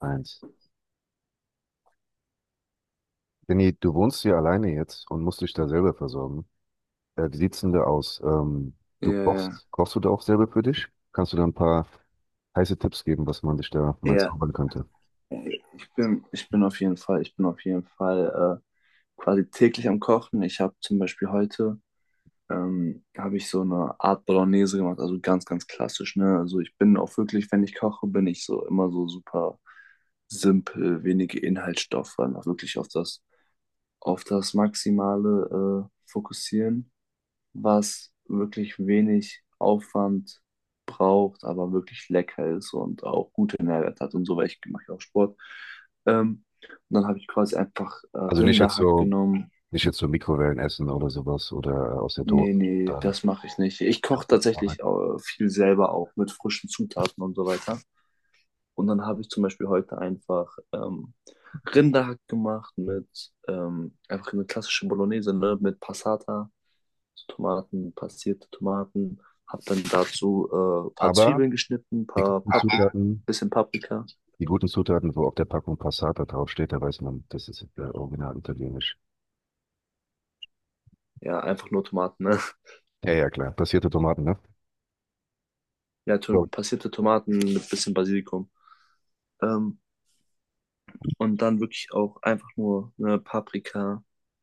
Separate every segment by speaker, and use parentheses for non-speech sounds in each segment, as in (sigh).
Speaker 1: Eins. Benni, du wohnst hier alleine jetzt und musst dich da selber versorgen. Wie sieht's denn da aus? Ähm,
Speaker 2: Ja,
Speaker 1: du
Speaker 2: ja,
Speaker 1: kochst, kochst du da auch selber für dich? Kannst du da ein paar heiße Tipps geben, was man sich da mal
Speaker 2: ja.
Speaker 1: zaubern könnte?
Speaker 2: Ich bin auf jeden Fall, ich bin auf jeden Fall quasi täglich am Kochen. Ich habe zum Beispiel heute habe ich so eine Art Bolognese gemacht, also ganz, ganz klassisch, ne? Also ich bin auch wirklich, wenn ich koche, bin ich so immer so super simpel, wenige Inhaltsstoffe, einfach wirklich auf das Maximale fokussieren. Was wirklich wenig Aufwand braucht, aber wirklich lecker ist und auch gute Nährwerte hat und so, weil ich mache ja auch Sport. Ähm, und dann habe ich quasi einfach
Speaker 1: Also nicht jetzt
Speaker 2: Rinderhack
Speaker 1: so,
Speaker 2: genommen.
Speaker 1: nicht jetzt so Mikrowellenessen oder sowas oder aus der Dose.
Speaker 2: Nee, nee,
Speaker 1: Dann.
Speaker 2: das mache ich nicht. Ich koche
Speaker 1: Arbeit.
Speaker 2: tatsächlich viel selber auch mit frischen Zutaten und so weiter. Und dann habe ich zum Beispiel heute einfach Rinderhack gemacht mit einfach eine klassische Bolognese, ne, mit Passata Tomaten, passierte Tomaten. Habe dann dazu ein paar
Speaker 1: Aber
Speaker 2: Zwiebeln geschnitten, ein
Speaker 1: die
Speaker 2: paar
Speaker 1: guten
Speaker 2: Pap
Speaker 1: Zutaten,
Speaker 2: bisschen Paprika.
Speaker 1: die guten Zutaten, wo auf der Packung Passata draufsteht, da weiß man, das ist original italienisch.
Speaker 2: Ja, einfach nur Tomaten. Ne?
Speaker 1: Ja, ja, klar. Passierte Tomaten, ne?
Speaker 2: Ja, to
Speaker 1: So.
Speaker 2: passierte Tomaten mit ein bisschen Basilikum. Ähm, Und dann wirklich auch einfach nur eine Paprika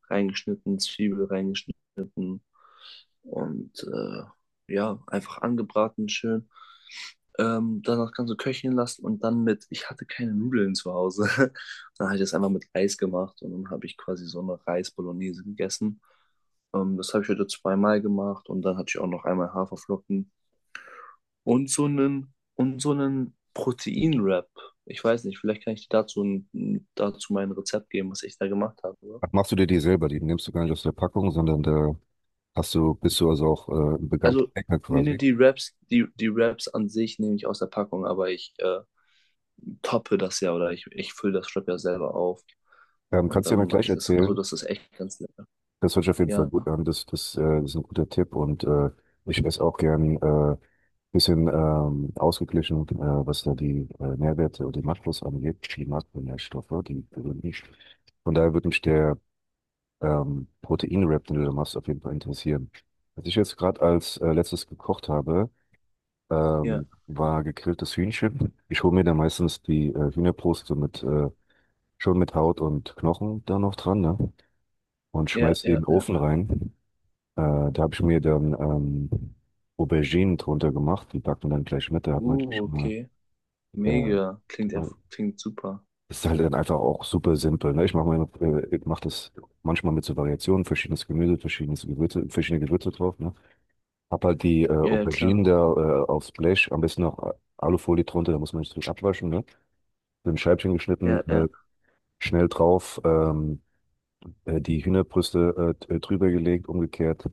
Speaker 2: reingeschnitten, Zwiebel reingeschnitten und ja, einfach angebraten schön. Danach kannst du köcheln lassen und dann mit, ich hatte keine Nudeln zu Hause. (laughs) Dann habe ich das einfach mit Reis gemacht und dann habe ich quasi so eine Reis-Bolognese gegessen. Das habe ich heute zweimal gemacht und dann hatte ich auch noch einmal Haferflocken und so einen Protein-Wrap. Ich weiß nicht, vielleicht kann ich dir dazu, dazu mein Rezept geben, was ich da gemacht habe. Oder?
Speaker 1: Machst du dir die selber? Die nimmst du gar nicht aus der Packung, sondern da hast du, bist du also auch ein begabter
Speaker 2: Also,
Speaker 1: Hacker
Speaker 2: nee, nee,
Speaker 1: quasi?
Speaker 2: die Wraps, die Wraps an sich nehme ich aus der Packung, aber ich toppe das ja oder ich fülle das Wrap ja selber auf
Speaker 1: Ähm,
Speaker 2: und
Speaker 1: kannst du ja
Speaker 2: dann
Speaker 1: mal
Speaker 2: mache
Speaker 1: gleich
Speaker 2: ich das. Also,
Speaker 1: erzählen.
Speaker 2: das ist echt ganz lecker.
Speaker 1: Das hört sich auf jeden Fall
Speaker 2: Ja,
Speaker 1: gut an. Das ist ein guter Tipp und ich esse auch gern bisschen ausgeglichen, was da die Nährwerte und die Makros angeht, die Makronährstoffe, die berühren mich. Von daher würde mich der Protein-Wrap, den du da machst, auf jeden Fall interessieren. Was ich jetzt gerade als letztes gekocht habe,
Speaker 2: ja,
Speaker 1: war gegrilltes Hühnchen. Ich hole mir da meistens die Hühnerbrust so mit schon mit Haut und Knochen da noch dran, ne? Und
Speaker 2: ja,
Speaker 1: schmeißt die in
Speaker 2: ja,
Speaker 1: den
Speaker 2: ja.
Speaker 1: Ofen rein. Da habe ich mir dann Auberginen drunter gemacht, die backt man dann gleich mit. Da hat man schon mal,
Speaker 2: Okay.
Speaker 1: äh,
Speaker 2: Mega. Klingt,
Speaker 1: mal-
Speaker 2: klingt super.
Speaker 1: ist halt dann einfach auch super simpel. Ne? Ich mache meine, ich mach das manchmal mit so Variationen, verschiedenes Gemüse, verschiedenes Gewürze, verschiedene Gewürze drauf. Ne? Hab halt die
Speaker 2: Ja, ja, klar.
Speaker 1: Auberginen da aufs Blech, am besten noch Alufolie drunter, da muss man nicht so abwaschen. Ne? So ein Scheibchen geschnitten,
Speaker 2: Ja, ja,
Speaker 1: schnell drauf. Die Hühnerbrüste drüber gelegt, umgekehrt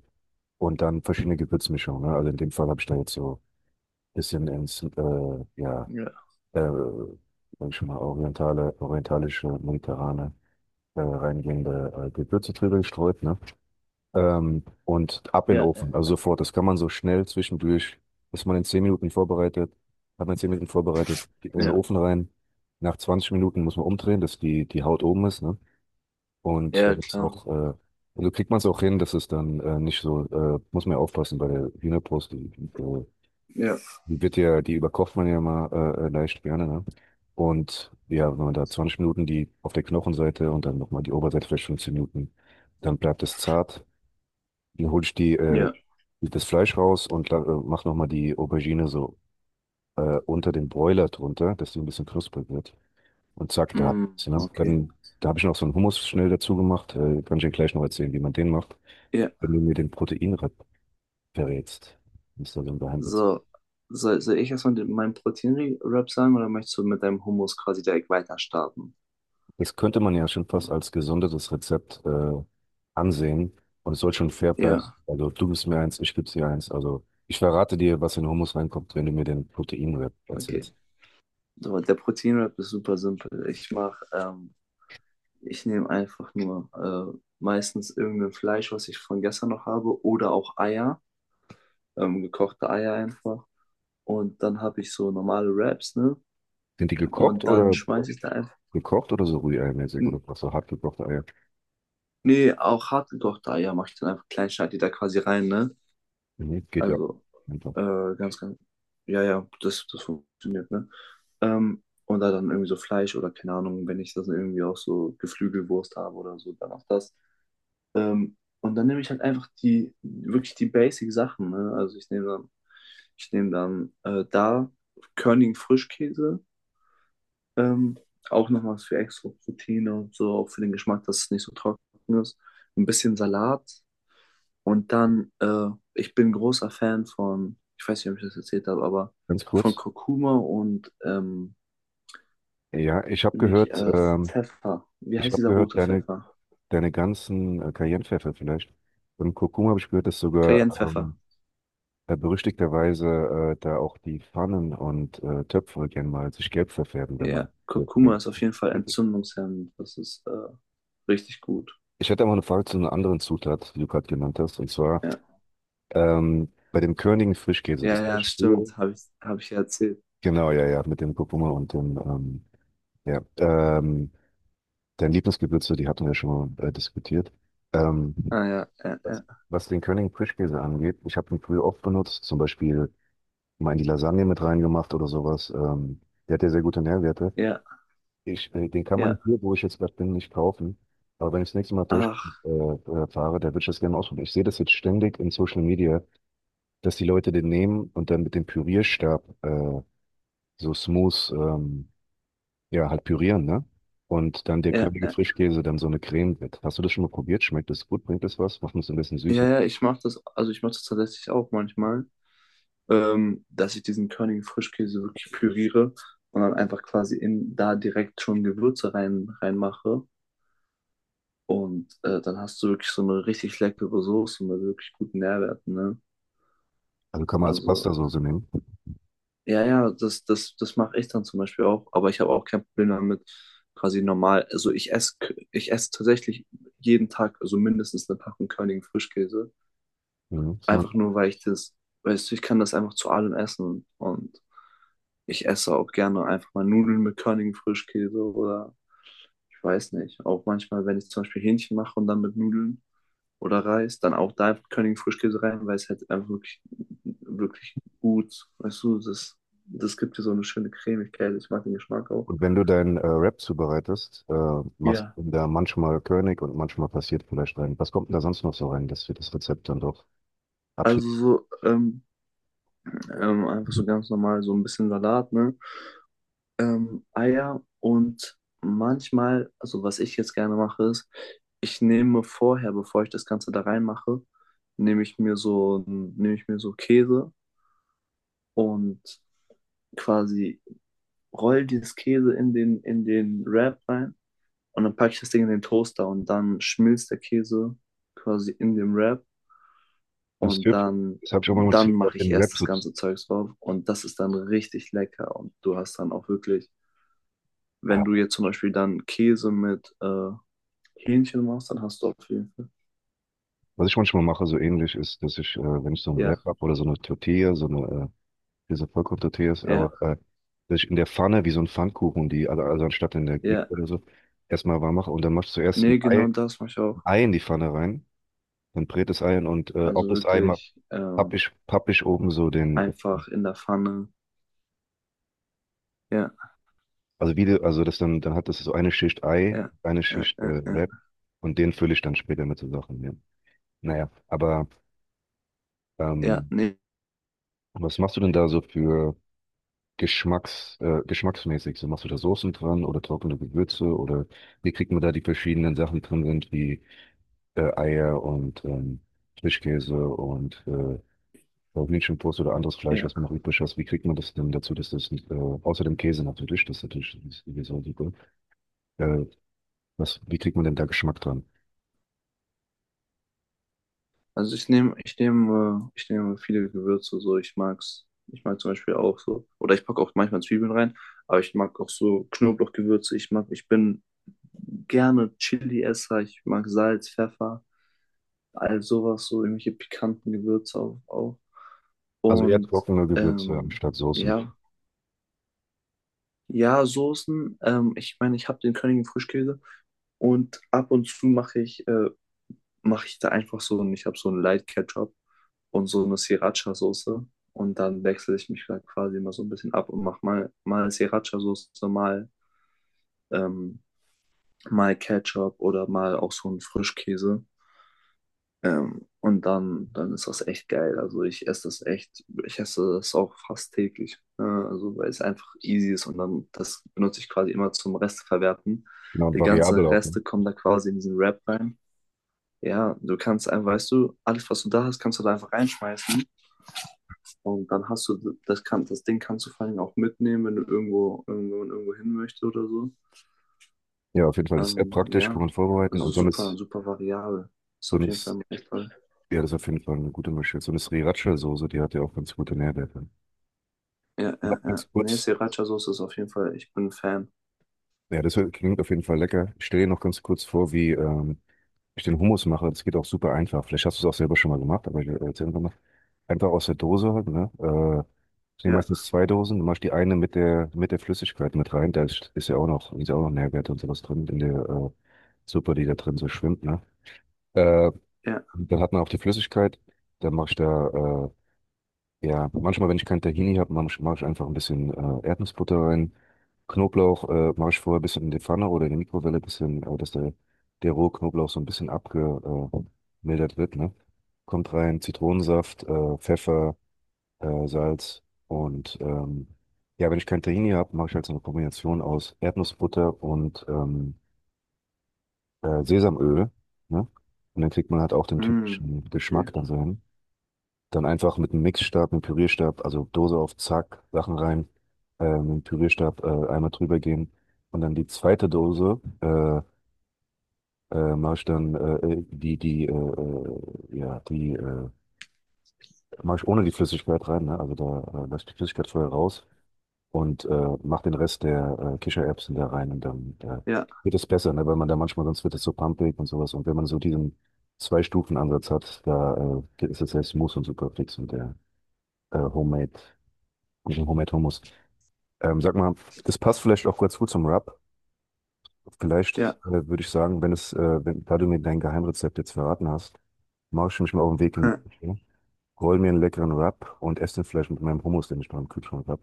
Speaker 1: und dann verschiedene Gewürzmischungen. Ne? Also in dem Fall habe ich da jetzt so ein bisschen ins,
Speaker 2: ja,
Speaker 1: äh, sag ich schon mal, orientalische, mediterrane, reingehende Gewürze drüber gestreut. Ne? Und ab in den
Speaker 2: ja,
Speaker 1: Ofen, also
Speaker 2: ja,
Speaker 1: sofort. Das kann man so schnell zwischendurch, ist man in 10 Minuten vorbereitet, hat man in 10 Minuten vorbereitet, geht in den
Speaker 2: ja,
Speaker 1: Ofen rein. Nach 20 Minuten muss man umdrehen, dass die, die Haut oben ist, ne? Und
Speaker 2: ja,
Speaker 1: das ist
Speaker 2: klar.
Speaker 1: auch, also kriegt man es auch hin, dass es dann nicht so, muss man ja aufpassen bei der Hühnerbrust,
Speaker 2: Ja,
Speaker 1: die wird ja, die überkocht man ja mal leicht gerne, ne? Und ja, wenn man da 20 Minuten die auf der Knochenseite und dann nochmal die Oberseite vielleicht 15 Minuten, dann bleibt es zart. Dann hole ich die,
Speaker 2: ja.
Speaker 1: das Fleisch raus und mach nochmal die Aubergine so unter den Broiler drunter, dass die ein bisschen knusprig wird und zack, da
Speaker 2: Mm,
Speaker 1: hat's, ne?
Speaker 2: okay.
Speaker 1: Dann, da habe ich noch so einen Hummus schnell dazu gemacht. Kann ich dir gleich noch erzählen, wie man den macht,
Speaker 2: Ja,
Speaker 1: wenn du mir den Proteinrep verrätst. Das ist da so ein Geheimrezept.
Speaker 2: so. Soll ich erstmal den, meinen Proteinrap sagen oder möchtest du mit deinem Hummus quasi direkt weiter starten?
Speaker 1: Das könnte man ja schon fast als gesondertes Rezept ansehen und es soll schon fair bleiben.
Speaker 2: Ja,
Speaker 1: Also du gibst mir eins, ich gebe dir eins. Also ich verrate dir, was in Hummus reinkommt, wenn du mir den Proteinrep
Speaker 2: okay.
Speaker 1: erzählst.
Speaker 2: So, der Proteinrap ist super simpel. Ich mache, ich nehme einfach nur meistens irgendein Fleisch, was ich von gestern noch habe, oder auch Eier, gekochte Eier einfach. Und dann habe ich so normale Wraps, ne?
Speaker 1: Sind die gekocht
Speaker 2: Und dann
Speaker 1: oder
Speaker 2: schmeiße ich da einfach,
Speaker 1: gekocht oder so rührei-mäßig
Speaker 2: N-
Speaker 1: oder was so hart gekochte Eier?
Speaker 2: auch hartgekochte Eier mache ich dann einfach klein, schneide die da quasi rein, ne?
Speaker 1: Mhm, geht ja.
Speaker 2: Also
Speaker 1: Einfach.
Speaker 2: Ganz, ganz. Ja, ja, das, das funktioniert, ne? Und da dann irgendwie so Fleisch oder keine Ahnung, wenn ich das irgendwie auch so Geflügelwurst habe oder so, dann auch das. Ähm, und dann nehme ich halt einfach die, wirklich die Basic-Sachen, ne? Also ich nehme dann da körnigen Frischkäse, ähm, auch nochmal für extra Proteine und so, auch für den Geschmack, dass es nicht so trocken ist. Ein bisschen Salat, und dann, ich bin großer Fan von, ich weiß nicht, ob ich das erzählt habe, aber
Speaker 1: Ganz
Speaker 2: von
Speaker 1: kurz.
Speaker 2: Kurkuma und
Speaker 1: Ja, ich habe
Speaker 2: nicht
Speaker 1: gehört,
Speaker 2: Pfeffer. Wie
Speaker 1: ich
Speaker 2: heißt
Speaker 1: habe
Speaker 2: dieser
Speaker 1: gehört,
Speaker 2: rote Pfeffer?
Speaker 1: deine ganzen Cayennepfeffer vielleicht. Und Kurkuma habe ich gehört, dass sogar
Speaker 2: Cayenne-Pfeffer.
Speaker 1: ähm, berüchtigterweise da auch die Pfannen und Töpfe gerne mal sich gelb verfärben, wenn man
Speaker 2: Ja,
Speaker 1: wirken
Speaker 2: Kurkuma
Speaker 1: will.
Speaker 2: ist auf jeden Fall entzündungshemmend. Das ist Richtig gut.
Speaker 1: Ich hätte aber eine Frage zu einer anderen Zutat, die du gerade genannt hast, und zwar
Speaker 2: Ja,
Speaker 1: bei dem körnigen Frischkäse.
Speaker 2: ja,
Speaker 1: Das habe
Speaker 2: ja,
Speaker 1: ich früher.
Speaker 2: stimmt. Hab ich ja erzählt.
Speaker 1: Genau, ja, ja, mit dem Kurkuma und ja, ähm, dein Lieblingsgewürze, die hatten wir schon mal diskutiert. Ähm,
Speaker 2: Ah, ja, ja,
Speaker 1: Was
Speaker 2: ja,
Speaker 1: was den Königen Frischkäse angeht, ich habe ihn früher oft benutzt, zum Beispiel mal in die Lasagne mit reingemacht oder sowas. Der hat ja sehr gute Nährwerte.
Speaker 2: ja,
Speaker 1: Den kann man
Speaker 2: ja.
Speaker 1: hier, wo ich jetzt gerade bin, nicht kaufen. Aber wenn ich das nächste Mal durch
Speaker 2: Ach,
Speaker 1: fahre, da würde ich das gerne ausprobieren. Ich sehe das jetzt ständig in Social Media, dass die Leute den nehmen und dann mit dem Pürierstab so smooth, ja, halt pürieren, ne? Und dann der
Speaker 2: ja,
Speaker 1: körnige
Speaker 2: ja.
Speaker 1: Frischkäse dann so eine Creme wird. Hast du das schon mal probiert? Schmeckt das gut? Bringt das was? Macht uns ein bisschen
Speaker 2: Ja,
Speaker 1: süßer.
Speaker 2: ja, ich mache das, also ich mache das tatsächlich auch manchmal. Dass ich diesen körnigen Frischkäse wirklich püriere und dann einfach quasi in da direkt schon Gewürze reinmache. Und dann hast du wirklich so eine richtig leckere Soße mit wirklich guten Nährwerten, ne?
Speaker 1: Also kann man als
Speaker 2: Also,
Speaker 1: Pastasoße nehmen.
Speaker 2: ja, ja, das mache ich dann zum Beispiel auch, aber ich habe auch kein Problem damit, quasi normal. Also ich esse tatsächlich jeden Tag, also mindestens eine Packung körnigen Frischkäse.
Speaker 1: Mhm. ist immer-
Speaker 2: Einfach nur, weil ich das, weißt du, ich kann das einfach zu allem essen und ich esse auch gerne einfach mal Nudeln mit körnigem Frischkäse oder ich weiß nicht. Auch manchmal, wenn ich zum Beispiel Hähnchen mache und dann mit Nudeln oder Reis, dann auch da einfach körnigen Frischkäse rein, weil es halt einfach wirklich gut, weißt du, das gibt dir so eine schöne Cremigkeit. Ich mag den Geschmack auch.
Speaker 1: Und wenn du deinen Rap zubereitest, machst
Speaker 2: Ja.
Speaker 1: du da manchmal König und manchmal passiert vielleicht rein. Was kommt denn da sonst noch so rein, dass wir das Rezept dann doch abschieben?
Speaker 2: Also so, einfach so ganz normal, so ein bisschen Salat, ne? Eier und manchmal, also was ich jetzt gerne mache, ist, ich nehme vorher, bevor ich das Ganze da reinmache, nehme ich mir so Käse und quasi roll dieses Käse in den Wrap rein und dann packe ich das Ding in den Toaster und dann schmilzt der Käse quasi in dem Wrap
Speaker 1: Das
Speaker 2: und
Speaker 1: Tipp,
Speaker 2: dann,
Speaker 1: das habe ich auch mal mit
Speaker 2: dann
Speaker 1: Tipp auf
Speaker 2: mache ich
Speaker 1: den
Speaker 2: erst
Speaker 1: Rap
Speaker 2: das
Speaker 1: so.
Speaker 2: ganze Zeugs drauf und das ist dann richtig lecker und du hast dann auch wirklich, wenn
Speaker 1: Ah,
Speaker 2: du jetzt zum Beispiel dann Käse mit Hähnchen machst, dann hast du auf jeden Fall.
Speaker 1: was ich manchmal mache, so ähnlich ist, dass ich, wenn ich so einen Wrap
Speaker 2: Ja,
Speaker 1: hab oder so eine Tortilla, so eine, diese Vollkorn-Tortilla ist,
Speaker 2: ja,
Speaker 1: aber dass ich in der Pfanne wie so ein Pfannkuchen, die, also anstatt in der
Speaker 2: ja.
Speaker 1: Mikrowelle oder so, erstmal warm mache und dann machst du zuerst
Speaker 2: Nee, genau das mache ich
Speaker 1: Ein
Speaker 2: auch.
Speaker 1: Ei in die Pfanne rein, dann brät das Ei an und ob
Speaker 2: Also
Speaker 1: das Ei
Speaker 2: wirklich
Speaker 1: hab ich oben so den,
Speaker 2: einfach in der Pfanne. Ja,
Speaker 1: also wie, also das dann, dann hat das so eine Schicht Ei,
Speaker 2: ja,
Speaker 1: eine
Speaker 2: äh,
Speaker 1: Schicht
Speaker 2: äh, äh.
Speaker 1: Wrap und den fülle ich dann später mit so Sachen. Ja. Naja, aber
Speaker 2: Ja,
Speaker 1: ähm,
Speaker 2: nee,
Speaker 1: was machst du denn da so für geschmacksmäßig? So machst du da Soßen dran oder trockene Gewürze oder wie kriegt man da die verschiedenen Sachen drin sind, wie Eier und Frischkäse und Hühnchenbrust oder anderes Fleisch,
Speaker 2: ja.
Speaker 1: was man noch übrig hat, wie kriegt man das denn dazu, dass das, außer dem Käse natürlich, das ist natürlich sowieso super, äh, was, wie kriegt man denn da Geschmack dran?
Speaker 2: Also ich nehme viele Gewürze so. Ich mag's. Ich mag zum Beispiel auch so. Oder ich packe auch manchmal Zwiebeln rein, aber ich mag auch so Knoblauchgewürze. Ich bin gerne Chili-Esser. Ich mag Salz, Pfeffer, all sowas, so irgendwelche pikanten Gewürze auch.
Speaker 1: Also eher
Speaker 2: Und
Speaker 1: trockene Gewürze
Speaker 2: ähm,
Speaker 1: anstatt Soßen.
Speaker 2: ja, ja, Soßen. Ich meine, ich habe den Königin Frischkäse und ab und zu mache ich da einfach so und ich habe so einen Light Ketchup und so eine Sriracha-Soße. Und dann wechsle ich mich da quasi immer so ein bisschen ab und mache mal Sriracha-Soße, mal, ähm, mal Ketchup oder mal auch so einen Frischkäse. Und dann, dann ist das echt geil. Also ich esse das auch fast täglich. Also weil es einfach easy ist und dann das benutze ich quasi immer zum Resteverwerten.
Speaker 1: Genau, und
Speaker 2: Die ganzen
Speaker 1: variabel auch. Ne?
Speaker 2: Reste kommen da quasi in diesen Wrap rein. Ja, du kannst einfach, weißt du, alles, was du da hast, kannst du da einfach reinschmeißen. Und dann hast du, das Ding kannst du vor allem auch mitnehmen, wenn du irgendwo, wenn man irgendwo hin möchte oder so.
Speaker 1: Ja, auf jeden Fall. Das ist sehr praktisch, kann
Speaker 2: Ja,
Speaker 1: man vorbereiten.
Speaker 2: also
Speaker 1: Und so eine,
Speaker 2: super, super variabel. Ist
Speaker 1: So eine,
Speaker 2: auf jeden
Speaker 1: S-
Speaker 2: Fall echt toll.
Speaker 1: ja, das ist auf jeden Fall eine gute Mischung. So eine Sriracha-Soße, die hat ja auch ganz gute Nährwerte.
Speaker 2: Ja,
Speaker 1: Noch
Speaker 2: ja, ja.
Speaker 1: ganz
Speaker 2: Nee,
Speaker 1: kurz.
Speaker 2: Sriracha-Soße ist auf jeden Fall, ich bin ein Fan.
Speaker 1: Ja, klingt auf jeden Fall lecker. Ich stelle dir noch ganz kurz vor, wie ich den Hummus mache. Das geht auch super einfach. Vielleicht hast du es auch selber schon mal gemacht, aber ich erzähle einfach mal. Einfach aus der Dose halt, ne? Das sind
Speaker 2: Ja,
Speaker 1: meistens zwei Dosen. Du machst die eine mit der Flüssigkeit mit rein. Da ist, ist ja auch noch Nährwerte und sowas drin in der Suppe, die da drin so schwimmt, ne? Äh,
Speaker 2: ja.
Speaker 1: dann hat man auch die Flüssigkeit. Dann mache ich da, ja, manchmal, wenn ich kein Tahini habe, mache ich einfach ein bisschen Erdnussbutter rein. Knoblauch mache ich vorher ein bisschen in die Pfanne oder in die Mikrowelle ein bisschen, dass der rohe Knoblauch so ein bisschen abgemildert wird, ne? Kommt rein, Zitronensaft, Pfeffer Salz und ja, wenn ich kein Tahini habe, mache ich halt so eine Kombination aus Erdnussbutter und Sesamöl, ne? Und dann kriegt man halt auch den
Speaker 2: Mm,
Speaker 1: typischen
Speaker 2: okay.
Speaker 1: Geschmack da so. Dann einfach mit einem Mixstab, einem Pürierstab, also Dose auf Zack, Sachen rein, mit dem Pürierstab einmal drüber gehen und dann die zweite Dose mache ich dann die die ja die mache ich ohne die Flüssigkeit rein, ne? Also da lasse ich die Flüssigkeit vorher raus und mach den Rest der Kichererbsen da rein und dann
Speaker 2: Ja,
Speaker 1: wird es besser, ne? Weil man da manchmal, sonst wird es so pampig und sowas. Und wenn man so diesen Zwei-Stufen-Ansatz hat, da ist es selbst Mousse und super fix und der äh, Homemade, Homemade Hummus. Sag mal, das passt vielleicht auch ganz gut zum Wrap. Vielleicht
Speaker 2: ja.
Speaker 1: würde ich sagen, wenn, da du mir dein Geheimrezept jetzt verraten hast, mache ich mich mal auf den Weg in die
Speaker 2: (laughs)
Speaker 1: Küche, roll mir einen leckeren Wrap und esse den vielleicht mit meinem Hummus, den ich beim Kühlschrank habe.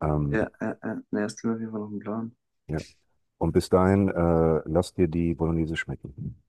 Speaker 1: Ähm,
Speaker 2: Ja, ja, ja. Nee, das klingt auf jeden Fall noch ein Plan.
Speaker 1: Ja. Und bis dahin, lass dir die Bolognese schmecken.